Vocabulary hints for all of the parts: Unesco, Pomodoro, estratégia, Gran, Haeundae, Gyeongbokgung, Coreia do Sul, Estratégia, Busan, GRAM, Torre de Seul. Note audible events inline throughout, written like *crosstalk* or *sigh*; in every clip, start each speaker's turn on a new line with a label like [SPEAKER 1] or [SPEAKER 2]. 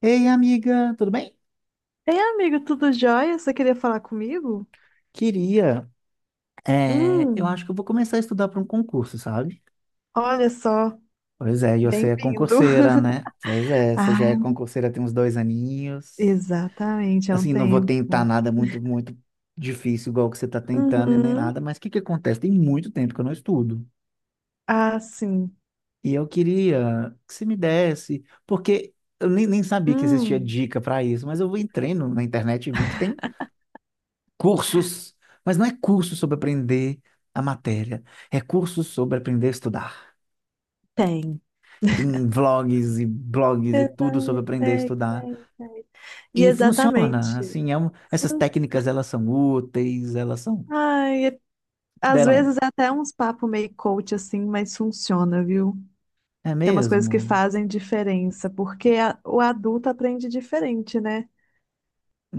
[SPEAKER 1] Ei, amiga, tudo bem?
[SPEAKER 2] Ei, amigo, tudo jóia? Você queria falar comigo?
[SPEAKER 1] Queria. Eu
[SPEAKER 2] Hum,
[SPEAKER 1] acho que eu vou começar a estudar para um concurso, sabe?
[SPEAKER 2] olha só,
[SPEAKER 1] Pois é, e você é
[SPEAKER 2] bem-vindo.
[SPEAKER 1] concurseira,
[SPEAKER 2] *laughs*
[SPEAKER 1] né? Pois é, você já é
[SPEAKER 2] Ah,
[SPEAKER 1] concurseira tem uns dois aninhos.
[SPEAKER 2] exatamente, é um
[SPEAKER 1] Assim, não vou tentar
[SPEAKER 2] tempo.
[SPEAKER 1] nada muito difícil, igual o que você está tentando e nem
[SPEAKER 2] Uhum.
[SPEAKER 1] nada, mas o que que acontece? Tem muito tempo que eu não estudo.
[SPEAKER 2] Ah, sim.
[SPEAKER 1] E eu queria que você me desse, porque eu nem sabia que existia
[SPEAKER 2] Hum,
[SPEAKER 1] dica para isso, mas eu entrei na internet e vi que tem cursos, mas não é curso sobre aprender a matéria, é curso sobre aprender a estudar.
[SPEAKER 2] tem.
[SPEAKER 1] Tem vlogs e blogs e tudo sobre
[SPEAKER 2] Exatamente,
[SPEAKER 1] aprender a
[SPEAKER 2] tem,
[SPEAKER 1] estudar.
[SPEAKER 2] tem, tem. E
[SPEAKER 1] E funciona,
[SPEAKER 2] exatamente.
[SPEAKER 1] assim, essas
[SPEAKER 2] Sim.
[SPEAKER 1] técnicas, elas são úteis, elas são...
[SPEAKER 2] Ai, às
[SPEAKER 1] Deram...
[SPEAKER 2] vezes é até uns papo meio coach assim, mas funciona, viu?
[SPEAKER 1] É
[SPEAKER 2] Tem umas coisas que
[SPEAKER 1] mesmo?
[SPEAKER 2] fazem diferença, porque o adulto aprende diferente, né?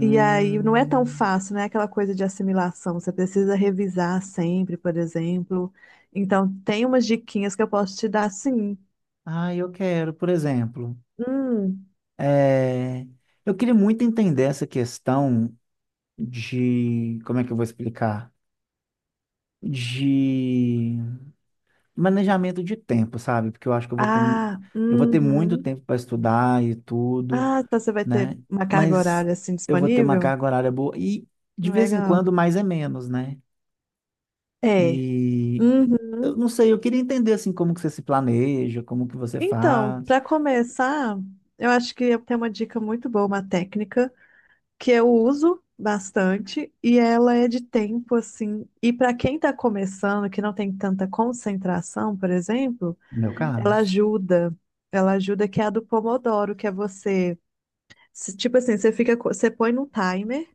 [SPEAKER 2] E aí não é tão fácil, né? Aquela coisa de assimilação. Você precisa revisar sempre, por exemplo. Então, tem umas diquinhas que eu posso te dar, sim.
[SPEAKER 1] Ah, eu quero, por exemplo...
[SPEAKER 2] Hum,
[SPEAKER 1] é, Eu queria muito entender essa questão de... Como é que eu vou explicar? De manejamento de tempo, sabe? Porque eu acho que eu vou
[SPEAKER 2] ah,
[SPEAKER 1] eu vou ter muito
[SPEAKER 2] uhum.
[SPEAKER 1] tempo para estudar e tudo,
[SPEAKER 2] Ah, então você vai ter
[SPEAKER 1] né?
[SPEAKER 2] uma carga
[SPEAKER 1] Mas
[SPEAKER 2] horária assim
[SPEAKER 1] eu vou ter uma
[SPEAKER 2] disponível?
[SPEAKER 1] carga horária boa e de vez em
[SPEAKER 2] Legal.
[SPEAKER 1] quando mais é menos, né?
[SPEAKER 2] É.
[SPEAKER 1] E eu
[SPEAKER 2] Uhum.
[SPEAKER 1] não sei, eu queria entender assim como que você se planeja, como que você
[SPEAKER 2] Então,
[SPEAKER 1] faz,
[SPEAKER 2] para começar, eu acho que eu tenho uma dica muito boa, uma técnica que eu uso bastante e ela é de tempo assim. E para quem está começando, que não tem tanta concentração, por exemplo,
[SPEAKER 1] no meu
[SPEAKER 2] ela
[SPEAKER 1] caso.
[SPEAKER 2] ajuda. Ela ajuda, que é a do Pomodoro, que é você, tipo assim, você fica, você põe num timer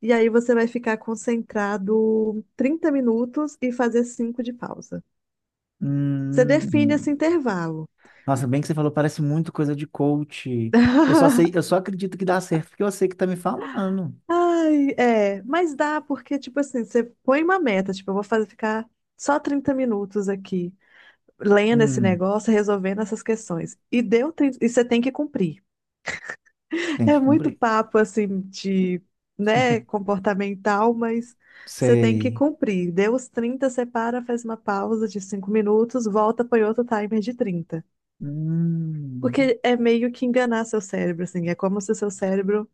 [SPEAKER 2] e aí você vai ficar concentrado 30 minutos e fazer 5 de pausa. Você define esse
[SPEAKER 1] Hum,
[SPEAKER 2] intervalo.
[SPEAKER 1] nossa, bem que você falou, parece muito coisa de coach. Eu
[SPEAKER 2] *laughs*
[SPEAKER 1] só acredito que dá certo porque eu sei que tá me falando.
[SPEAKER 2] Ai, é, mas dá porque, tipo assim, você põe uma meta, tipo, eu vou fazer ficar só 30 minutos aqui, lendo esse
[SPEAKER 1] Hum,
[SPEAKER 2] negócio, resolvendo essas questões. E deu, e você tem que cumprir.
[SPEAKER 1] tem
[SPEAKER 2] É
[SPEAKER 1] que
[SPEAKER 2] muito
[SPEAKER 1] cumprir.
[SPEAKER 2] papo assim de, né, comportamental, mas você tem que
[SPEAKER 1] Sei.
[SPEAKER 2] cumprir. Deu os 30, você para, faz uma pausa de 5 minutos, volta, põe outro timer de 30.
[SPEAKER 1] Hum.
[SPEAKER 2] Porque é meio que enganar seu cérebro, assim, é como se seu cérebro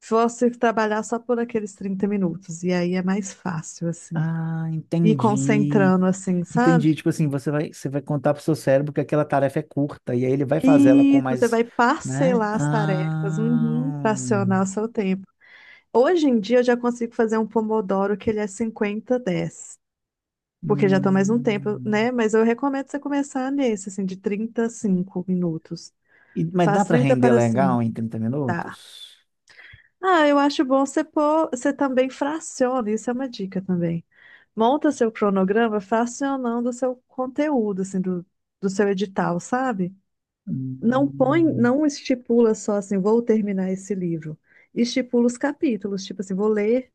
[SPEAKER 2] fosse trabalhar só por aqueles 30 minutos, e aí é mais fácil, assim.
[SPEAKER 1] Ah,
[SPEAKER 2] E
[SPEAKER 1] entendi.
[SPEAKER 2] concentrando, assim,
[SPEAKER 1] Entendi.
[SPEAKER 2] sabe?
[SPEAKER 1] Tipo assim, você vai contar pro seu cérebro que aquela tarefa é curta, e aí ele vai fazer ela com
[SPEAKER 2] Isso, você
[SPEAKER 1] mais,
[SPEAKER 2] vai
[SPEAKER 1] né?
[SPEAKER 2] parcelar as tarefas, uhum,
[SPEAKER 1] Ah,
[SPEAKER 2] fracionar o seu tempo. Hoje em dia eu já consigo fazer um Pomodoro que ele é cinquenta dez, porque já tô mais um tempo,
[SPEAKER 1] hum.
[SPEAKER 2] né? Mas eu recomendo você começar nesse, assim, de 30 a 5 minutos.
[SPEAKER 1] E- mas dá
[SPEAKER 2] Faz
[SPEAKER 1] para
[SPEAKER 2] 30
[SPEAKER 1] render
[SPEAKER 2] para 5,
[SPEAKER 1] legal em 30 minutos?
[SPEAKER 2] tá? Ah, eu acho bom você pôr, você também fraciona, isso é uma dica também. Monta seu cronograma fracionando o seu conteúdo, assim, do, do seu edital, sabe? Não põe,
[SPEAKER 1] Hum,
[SPEAKER 2] não estipula só assim, vou terminar esse livro. Estipula os capítulos, tipo assim, vou ler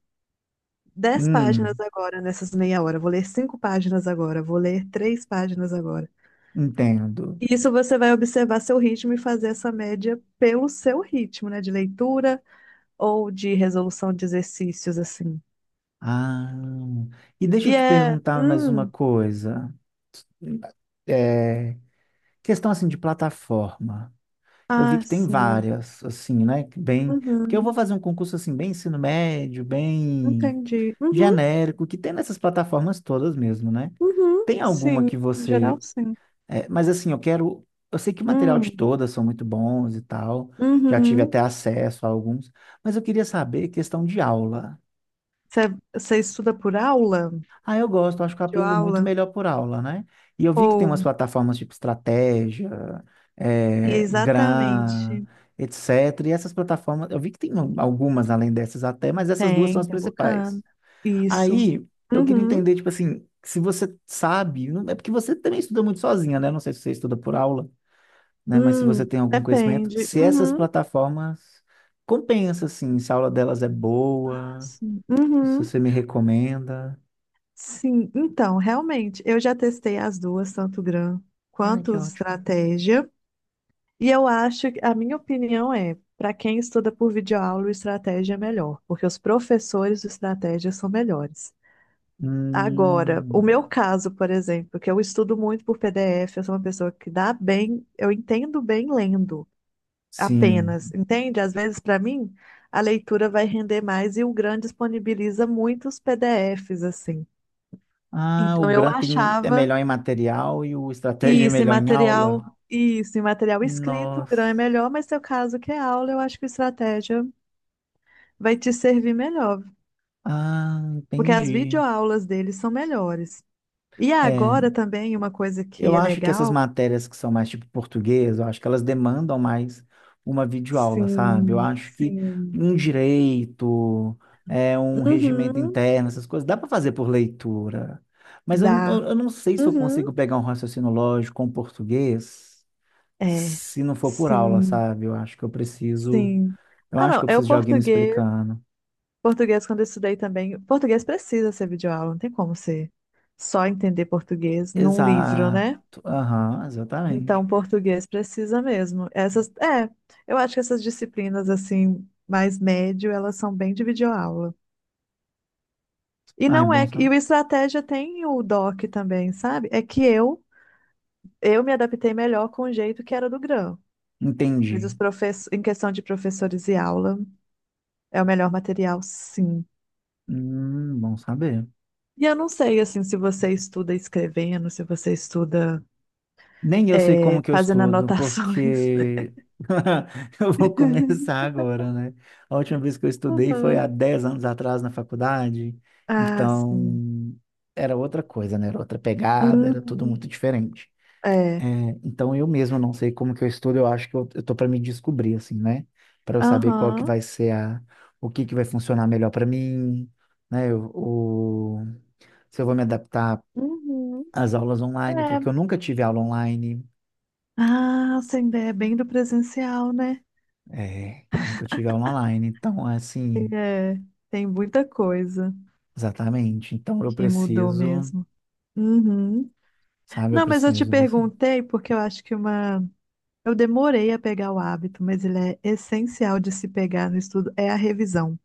[SPEAKER 2] 10 páginas
[SPEAKER 1] hum,
[SPEAKER 2] agora nessas meia hora, vou ler 5 páginas agora, vou ler 3 páginas agora.
[SPEAKER 1] entendo.
[SPEAKER 2] E isso você vai observar seu ritmo e fazer essa média pelo seu ritmo, né? De leitura ou de resolução de exercícios, assim.
[SPEAKER 1] Ah, e deixa eu
[SPEAKER 2] E
[SPEAKER 1] te
[SPEAKER 2] é.
[SPEAKER 1] perguntar mais uma coisa. É, questão assim de plataforma. Eu vi
[SPEAKER 2] Ah,
[SPEAKER 1] que tem
[SPEAKER 2] sim.
[SPEAKER 1] várias, assim, né? Que bem, porque eu vou
[SPEAKER 2] Uhum,
[SPEAKER 1] fazer um concurso assim, bem ensino médio, bem
[SPEAKER 2] entendi. Uhum,
[SPEAKER 1] genérico, que tem nessas plataformas todas mesmo, né?
[SPEAKER 2] uhum,
[SPEAKER 1] Tem alguma
[SPEAKER 2] sim.
[SPEAKER 1] que
[SPEAKER 2] Em
[SPEAKER 1] você.
[SPEAKER 2] geral, sim.
[SPEAKER 1] É, mas assim, eu quero. Eu sei que o material de
[SPEAKER 2] Hum,
[SPEAKER 1] todas são muito bons e tal. Já tive
[SPEAKER 2] uhum.
[SPEAKER 1] até acesso a alguns, mas eu queria saber questão de aula.
[SPEAKER 2] Você, você estuda por aula?
[SPEAKER 1] Ah, eu gosto, acho que eu aprendo muito
[SPEAKER 2] Videoaula?
[SPEAKER 1] melhor por aula, né? E eu vi que tem umas
[SPEAKER 2] Ou,
[SPEAKER 1] plataformas tipo Estratégia, Gran,
[SPEAKER 2] exatamente.
[SPEAKER 1] etc. E essas plataformas, eu vi que tem algumas além dessas até, mas essas duas são
[SPEAKER 2] Tem,
[SPEAKER 1] as
[SPEAKER 2] tem um
[SPEAKER 1] principais.
[SPEAKER 2] bocado. Isso.
[SPEAKER 1] Aí, eu queria
[SPEAKER 2] Uhum.
[SPEAKER 1] entender, tipo assim, se você sabe, é porque você também estuda muito sozinha, né? Não sei se você estuda por aula, né? Mas se você tem algum conhecimento,
[SPEAKER 2] Depende.
[SPEAKER 1] se essas
[SPEAKER 2] Uhum.
[SPEAKER 1] plataformas compensa, assim, se a aula delas é
[SPEAKER 2] Ah,
[SPEAKER 1] boa,
[SPEAKER 2] sim.
[SPEAKER 1] se
[SPEAKER 2] Uhum.
[SPEAKER 1] você me recomenda.
[SPEAKER 2] Sim. Então, realmente, eu já testei as duas, tanto GRAM
[SPEAKER 1] Ai,
[SPEAKER 2] quanto
[SPEAKER 1] que ótimo.
[SPEAKER 2] estratégia. E eu acho que a minha opinião é, para quem estuda por videoaula, o estratégia é melhor, porque os professores de estratégia são melhores. Agora, o meu
[SPEAKER 1] Hum,
[SPEAKER 2] caso, por exemplo, que eu estudo muito por PDF, eu sou uma pessoa que dá bem, eu entendo bem lendo
[SPEAKER 1] sim.
[SPEAKER 2] apenas, entende? Às vezes, para mim, a leitura vai render mais e o Gran disponibiliza muitos PDFs, assim.
[SPEAKER 1] Ah, o
[SPEAKER 2] Então, eu
[SPEAKER 1] Granting é
[SPEAKER 2] achava
[SPEAKER 1] melhor em material e o Estratégia é
[SPEAKER 2] isso em
[SPEAKER 1] melhor em aula?
[SPEAKER 2] material, isso em material escrito, o Gran é
[SPEAKER 1] Nossa.
[SPEAKER 2] melhor, mas seu caso que é aula, eu acho que a estratégia vai te servir melhor,
[SPEAKER 1] Ah,
[SPEAKER 2] porque as
[SPEAKER 1] entendi.
[SPEAKER 2] videoaulas deles são melhores. E
[SPEAKER 1] É,
[SPEAKER 2] agora também, uma coisa
[SPEAKER 1] eu
[SPEAKER 2] que é
[SPEAKER 1] acho que essas
[SPEAKER 2] legal.
[SPEAKER 1] matérias que são mais tipo português, eu acho que elas demandam mais uma videoaula, sabe? Eu
[SPEAKER 2] Sim,
[SPEAKER 1] acho que
[SPEAKER 2] sim.
[SPEAKER 1] um direito, é um regimento
[SPEAKER 2] Uhum,
[SPEAKER 1] interno, essas coisas, dá para fazer por leitura. Mas eu,
[SPEAKER 2] dá.
[SPEAKER 1] eu, eu não sei se eu
[SPEAKER 2] Uhum,
[SPEAKER 1] consigo pegar um raciocínio lógico com português.
[SPEAKER 2] é.
[SPEAKER 1] Se não for por aula,
[SPEAKER 2] Sim,
[SPEAKER 1] sabe?
[SPEAKER 2] sim.
[SPEAKER 1] Eu
[SPEAKER 2] Ah,
[SPEAKER 1] acho que
[SPEAKER 2] não,
[SPEAKER 1] eu
[SPEAKER 2] é o
[SPEAKER 1] preciso de alguém me
[SPEAKER 2] português.
[SPEAKER 1] explicando.
[SPEAKER 2] Português, quando eu estudei também. Português precisa ser videoaula, não tem como ser só entender português num livro,
[SPEAKER 1] Exato.
[SPEAKER 2] né?
[SPEAKER 1] Aham,
[SPEAKER 2] Então,
[SPEAKER 1] exatamente.
[SPEAKER 2] português precisa mesmo. Essas, é, eu acho que essas disciplinas, assim, mais médio, elas são bem de videoaula. E
[SPEAKER 1] Ai,
[SPEAKER 2] não
[SPEAKER 1] bom
[SPEAKER 2] é, e
[SPEAKER 1] saber.
[SPEAKER 2] o estratégia tem o DOC também, sabe? É que eu me adaptei melhor com o jeito que era do Gran. Mas
[SPEAKER 1] Entendi.
[SPEAKER 2] os professores, em questão de professores e aula, é o melhor material, sim.
[SPEAKER 1] Bom saber.
[SPEAKER 2] E eu não sei, assim, se você estuda escrevendo, se você estuda
[SPEAKER 1] Nem eu sei como
[SPEAKER 2] é,
[SPEAKER 1] que eu
[SPEAKER 2] fazendo
[SPEAKER 1] estudo,
[SPEAKER 2] anotações.
[SPEAKER 1] porque *laughs* eu vou
[SPEAKER 2] *laughs*
[SPEAKER 1] começar agora, né? A última vez que eu estudei foi há
[SPEAKER 2] Uhum.
[SPEAKER 1] 10 anos atrás na faculdade,
[SPEAKER 2] Ah, sim.
[SPEAKER 1] então era outra coisa, né? Era outra pegada, era tudo
[SPEAKER 2] Uhum.
[SPEAKER 1] muito diferente.
[SPEAKER 2] É.
[SPEAKER 1] É, então eu mesmo não sei como que eu estudo, eu acho que eu tô para me descobrir assim, né? Para eu saber qual que
[SPEAKER 2] Aham.
[SPEAKER 1] vai ser a o que que vai funcionar melhor para mim, né? O, se eu vou me adaptar
[SPEAKER 2] Uhum.
[SPEAKER 1] às aulas online,
[SPEAKER 2] É.
[SPEAKER 1] porque eu nunca tive aula online,
[SPEAKER 2] Ah, sem ideia, é bem do presencial, né?
[SPEAKER 1] é, eu nunca tive aula online, então é assim,
[SPEAKER 2] É. Tem muita coisa
[SPEAKER 1] exatamente. Então eu
[SPEAKER 2] que mudou
[SPEAKER 1] preciso,
[SPEAKER 2] mesmo. Uhum.
[SPEAKER 1] sabe, eu
[SPEAKER 2] Não, mas eu te
[SPEAKER 1] preciso dessa
[SPEAKER 2] perguntei porque eu acho que uma... eu demorei a pegar o hábito, mas ele é essencial de se pegar no estudo, é a revisão.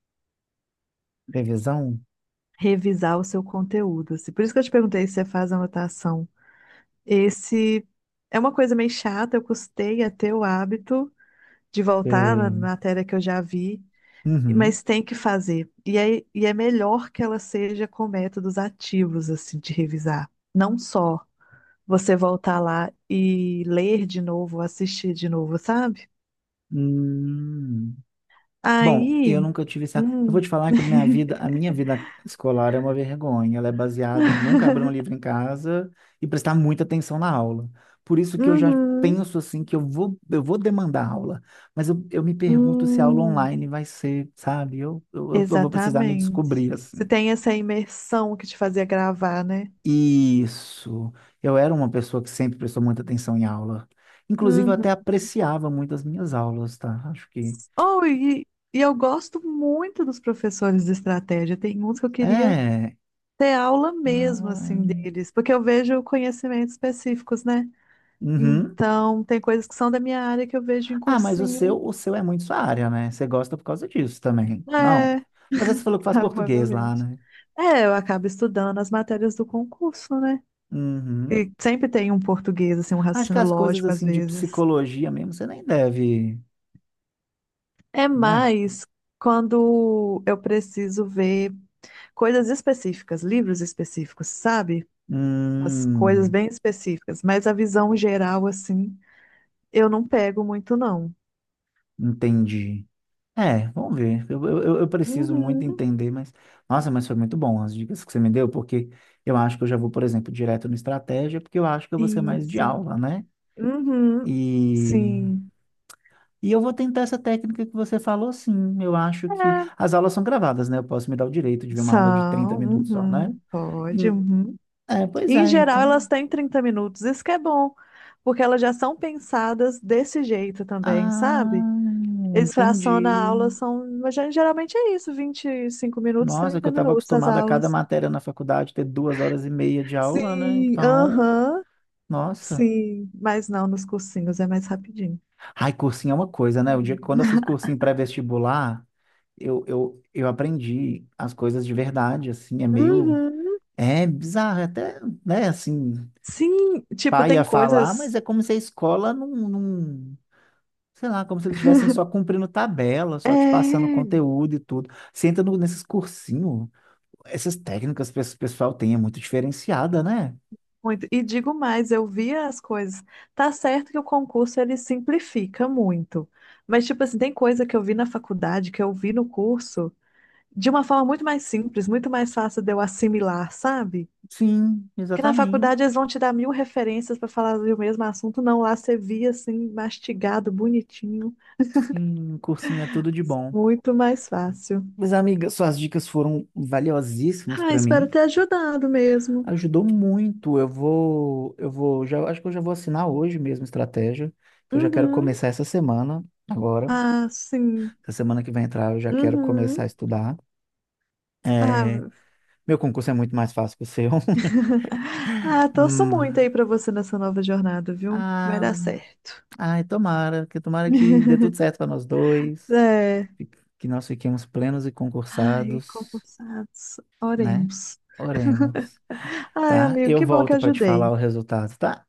[SPEAKER 1] revisão.
[SPEAKER 2] Revisar o seu conteúdo, assim. Por isso que eu te perguntei se você faz anotação. Esse é uma coisa meio chata, eu custei a ter o hábito de voltar na
[SPEAKER 1] É,
[SPEAKER 2] matéria que eu já vi,
[SPEAKER 1] uhum.
[SPEAKER 2] mas tem que fazer. E é melhor que ela seja com métodos ativos, assim, de revisar. Não só você voltar lá e ler de novo, assistir de novo, sabe?
[SPEAKER 1] Hum. Bom,
[SPEAKER 2] Aí.
[SPEAKER 1] eu nunca tive essa. Eu vou
[SPEAKER 2] Hum.
[SPEAKER 1] te falar que a
[SPEAKER 2] *laughs*
[SPEAKER 1] minha vida escolar é uma vergonha. Ela é baseada em nunca abrir um livro em casa e prestar muita atenção na aula. Por isso que eu já
[SPEAKER 2] Uhum.
[SPEAKER 1] penso assim que eu vou demandar aula. Mas eu me pergunto se a aula
[SPEAKER 2] Hum.
[SPEAKER 1] online vai ser, sabe? Eu vou precisar me
[SPEAKER 2] Exatamente.
[SPEAKER 1] descobrir
[SPEAKER 2] Você
[SPEAKER 1] assim.
[SPEAKER 2] tem essa imersão que te fazia gravar, né?
[SPEAKER 1] Isso. Eu era uma pessoa que sempre prestou muita atenção em aula. Inclusive, eu
[SPEAKER 2] Uhum.
[SPEAKER 1] até apreciava muito as minhas aulas, tá? Acho que.
[SPEAKER 2] Oh, e eu gosto muito dos professores de estratégia. Tem uns que eu queria
[SPEAKER 1] É.
[SPEAKER 2] ter aula mesmo, assim,
[SPEAKER 1] Ah,
[SPEAKER 2] deles, porque eu vejo conhecimentos específicos, né?
[SPEAKER 1] uhum.
[SPEAKER 2] Então, tem coisas que são da minha área que eu vejo em
[SPEAKER 1] Ah, mas
[SPEAKER 2] cursinho.
[SPEAKER 1] o seu é muito sua área, né? Você gosta por causa disso também. Não.
[SPEAKER 2] É,
[SPEAKER 1] Mas você falou que
[SPEAKER 2] *laughs*
[SPEAKER 1] faz português lá,
[SPEAKER 2] provavelmente.
[SPEAKER 1] né?
[SPEAKER 2] É, eu acabo estudando as matérias do concurso, né?
[SPEAKER 1] Uhum.
[SPEAKER 2] E sempre tem um português, assim, um
[SPEAKER 1] Acho que
[SPEAKER 2] raciocínio
[SPEAKER 1] as coisas
[SPEAKER 2] lógico às
[SPEAKER 1] assim de
[SPEAKER 2] vezes.
[SPEAKER 1] psicologia mesmo, você nem deve,
[SPEAKER 2] É
[SPEAKER 1] né?
[SPEAKER 2] mais quando eu preciso ver coisas específicas, livros específicos, sabe? Umas coisas
[SPEAKER 1] Hum,
[SPEAKER 2] bem específicas, mas a visão geral, assim, eu não pego muito, não.
[SPEAKER 1] entendi. É, vamos ver. Eu preciso muito
[SPEAKER 2] Uhum.
[SPEAKER 1] entender, mas. Nossa, mas foi muito bom as dicas que você me deu, porque eu acho que eu já vou, por exemplo, direto no estratégia, porque eu acho que eu vou ser mais de
[SPEAKER 2] Isso.
[SPEAKER 1] aula, né?
[SPEAKER 2] Uhum.
[SPEAKER 1] E
[SPEAKER 2] Sim.
[SPEAKER 1] Eu vou tentar essa técnica que você falou, sim. Eu acho que
[SPEAKER 2] É.
[SPEAKER 1] as aulas são gravadas, né? Eu posso me dar o direito de ver uma aula de 30
[SPEAKER 2] São,
[SPEAKER 1] minutos só, né?
[SPEAKER 2] uhum, pode,
[SPEAKER 1] Hum,
[SPEAKER 2] uhum.
[SPEAKER 1] é,
[SPEAKER 2] E,
[SPEAKER 1] pois
[SPEAKER 2] Em
[SPEAKER 1] é,
[SPEAKER 2] geral, elas
[SPEAKER 1] então.
[SPEAKER 2] têm 30 minutos, isso que é bom, porque elas já são pensadas desse jeito também, sabe?
[SPEAKER 1] Ah,
[SPEAKER 2] Eles fracionam a aula,
[SPEAKER 1] entendi.
[SPEAKER 2] são, mas geralmente é isso, 25 minutos,
[SPEAKER 1] Nossa, que eu
[SPEAKER 2] 30
[SPEAKER 1] estava
[SPEAKER 2] minutos as
[SPEAKER 1] acostumado a cada
[SPEAKER 2] aulas.
[SPEAKER 1] matéria na faculdade ter duas horas e meia de aula, né?
[SPEAKER 2] Sim,
[SPEAKER 1] Então,
[SPEAKER 2] aham,
[SPEAKER 1] nossa.
[SPEAKER 2] sim, mas não, nos cursinhos é mais rapidinho.
[SPEAKER 1] Ai, cursinho é uma coisa, né? O dia que quando eu fiz cursinho pré-vestibular, eu aprendi as coisas de verdade, assim, é meio.
[SPEAKER 2] Uhum.
[SPEAKER 1] É bizarro, é até, né, assim,
[SPEAKER 2] Sim, tipo,
[SPEAKER 1] pai a
[SPEAKER 2] tem
[SPEAKER 1] falar, mas
[SPEAKER 2] coisas.
[SPEAKER 1] é como se a escola sei lá, como se eles estivessem só cumprindo tabela, só te passando
[SPEAKER 2] É,
[SPEAKER 1] conteúdo e tudo. Você entra nesses cursinhos, essas técnicas que esse pessoal tem é muito diferenciada, né?
[SPEAKER 2] muito. E digo mais, eu via as coisas. Tá certo que o concurso ele simplifica muito. Mas, tipo assim, tem coisa que eu vi na faculdade, que eu vi no curso, de uma forma muito mais simples, muito mais fácil de eu assimilar, sabe?
[SPEAKER 1] Sim,
[SPEAKER 2] Porque na
[SPEAKER 1] exatamente.
[SPEAKER 2] faculdade eles vão te dar mil referências para falar do mesmo assunto. Não, lá você via assim, mastigado, bonitinho.
[SPEAKER 1] Sim, cursinho é tudo de bom.
[SPEAKER 2] Muito mais fácil.
[SPEAKER 1] Mas, amiga, suas dicas foram valiosíssimas
[SPEAKER 2] Ah,
[SPEAKER 1] para
[SPEAKER 2] espero
[SPEAKER 1] mim.
[SPEAKER 2] ter ajudado mesmo.
[SPEAKER 1] Ajudou muito. Já acho que eu já vou assinar hoje mesmo a estratégia. Que Eu já quero
[SPEAKER 2] Uhum.
[SPEAKER 1] começar essa semana agora.
[SPEAKER 2] Ah, sim.
[SPEAKER 1] Essa semana que vai entrar eu já quero começar a
[SPEAKER 2] Uhum.
[SPEAKER 1] estudar. É,
[SPEAKER 2] Ah,
[SPEAKER 1] meu concurso é muito mais fácil que o seu. *laughs*
[SPEAKER 2] *laughs* ah, torço muito
[SPEAKER 1] Hum,
[SPEAKER 2] aí para você nessa nova jornada, viu? Vai dar
[SPEAKER 1] ah,
[SPEAKER 2] certo.
[SPEAKER 1] ai, tomara que
[SPEAKER 2] *laughs*
[SPEAKER 1] dê tudo certo para nós dois,
[SPEAKER 2] É.
[SPEAKER 1] fi- que nós fiquemos plenos e
[SPEAKER 2] Ai,
[SPEAKER 1] concursados,
[SPEAKER 2] concursados.
[SPEAKER 1] né?
[SPEAKER 2] Oremos.
[SPEAKER 1] Oremos,
[SPEAKER 2] Ai,
[SPEAKER 1] tá?
[SPEAKER 2] amigo,
[SPEAKER 1] Eu
[SPEAKER 2] que bom que
[SPEAKER 1] volto para te falar
[SPEAKER 2] ajudei.
[SPEAKER 1] o resultado, tá?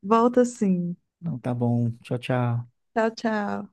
[SPEAKER 2] Volta sim.
[SPEAKER 1] Então tá bom. Tchau, tchau.
[SPEAKER 2] Tchau, tchau.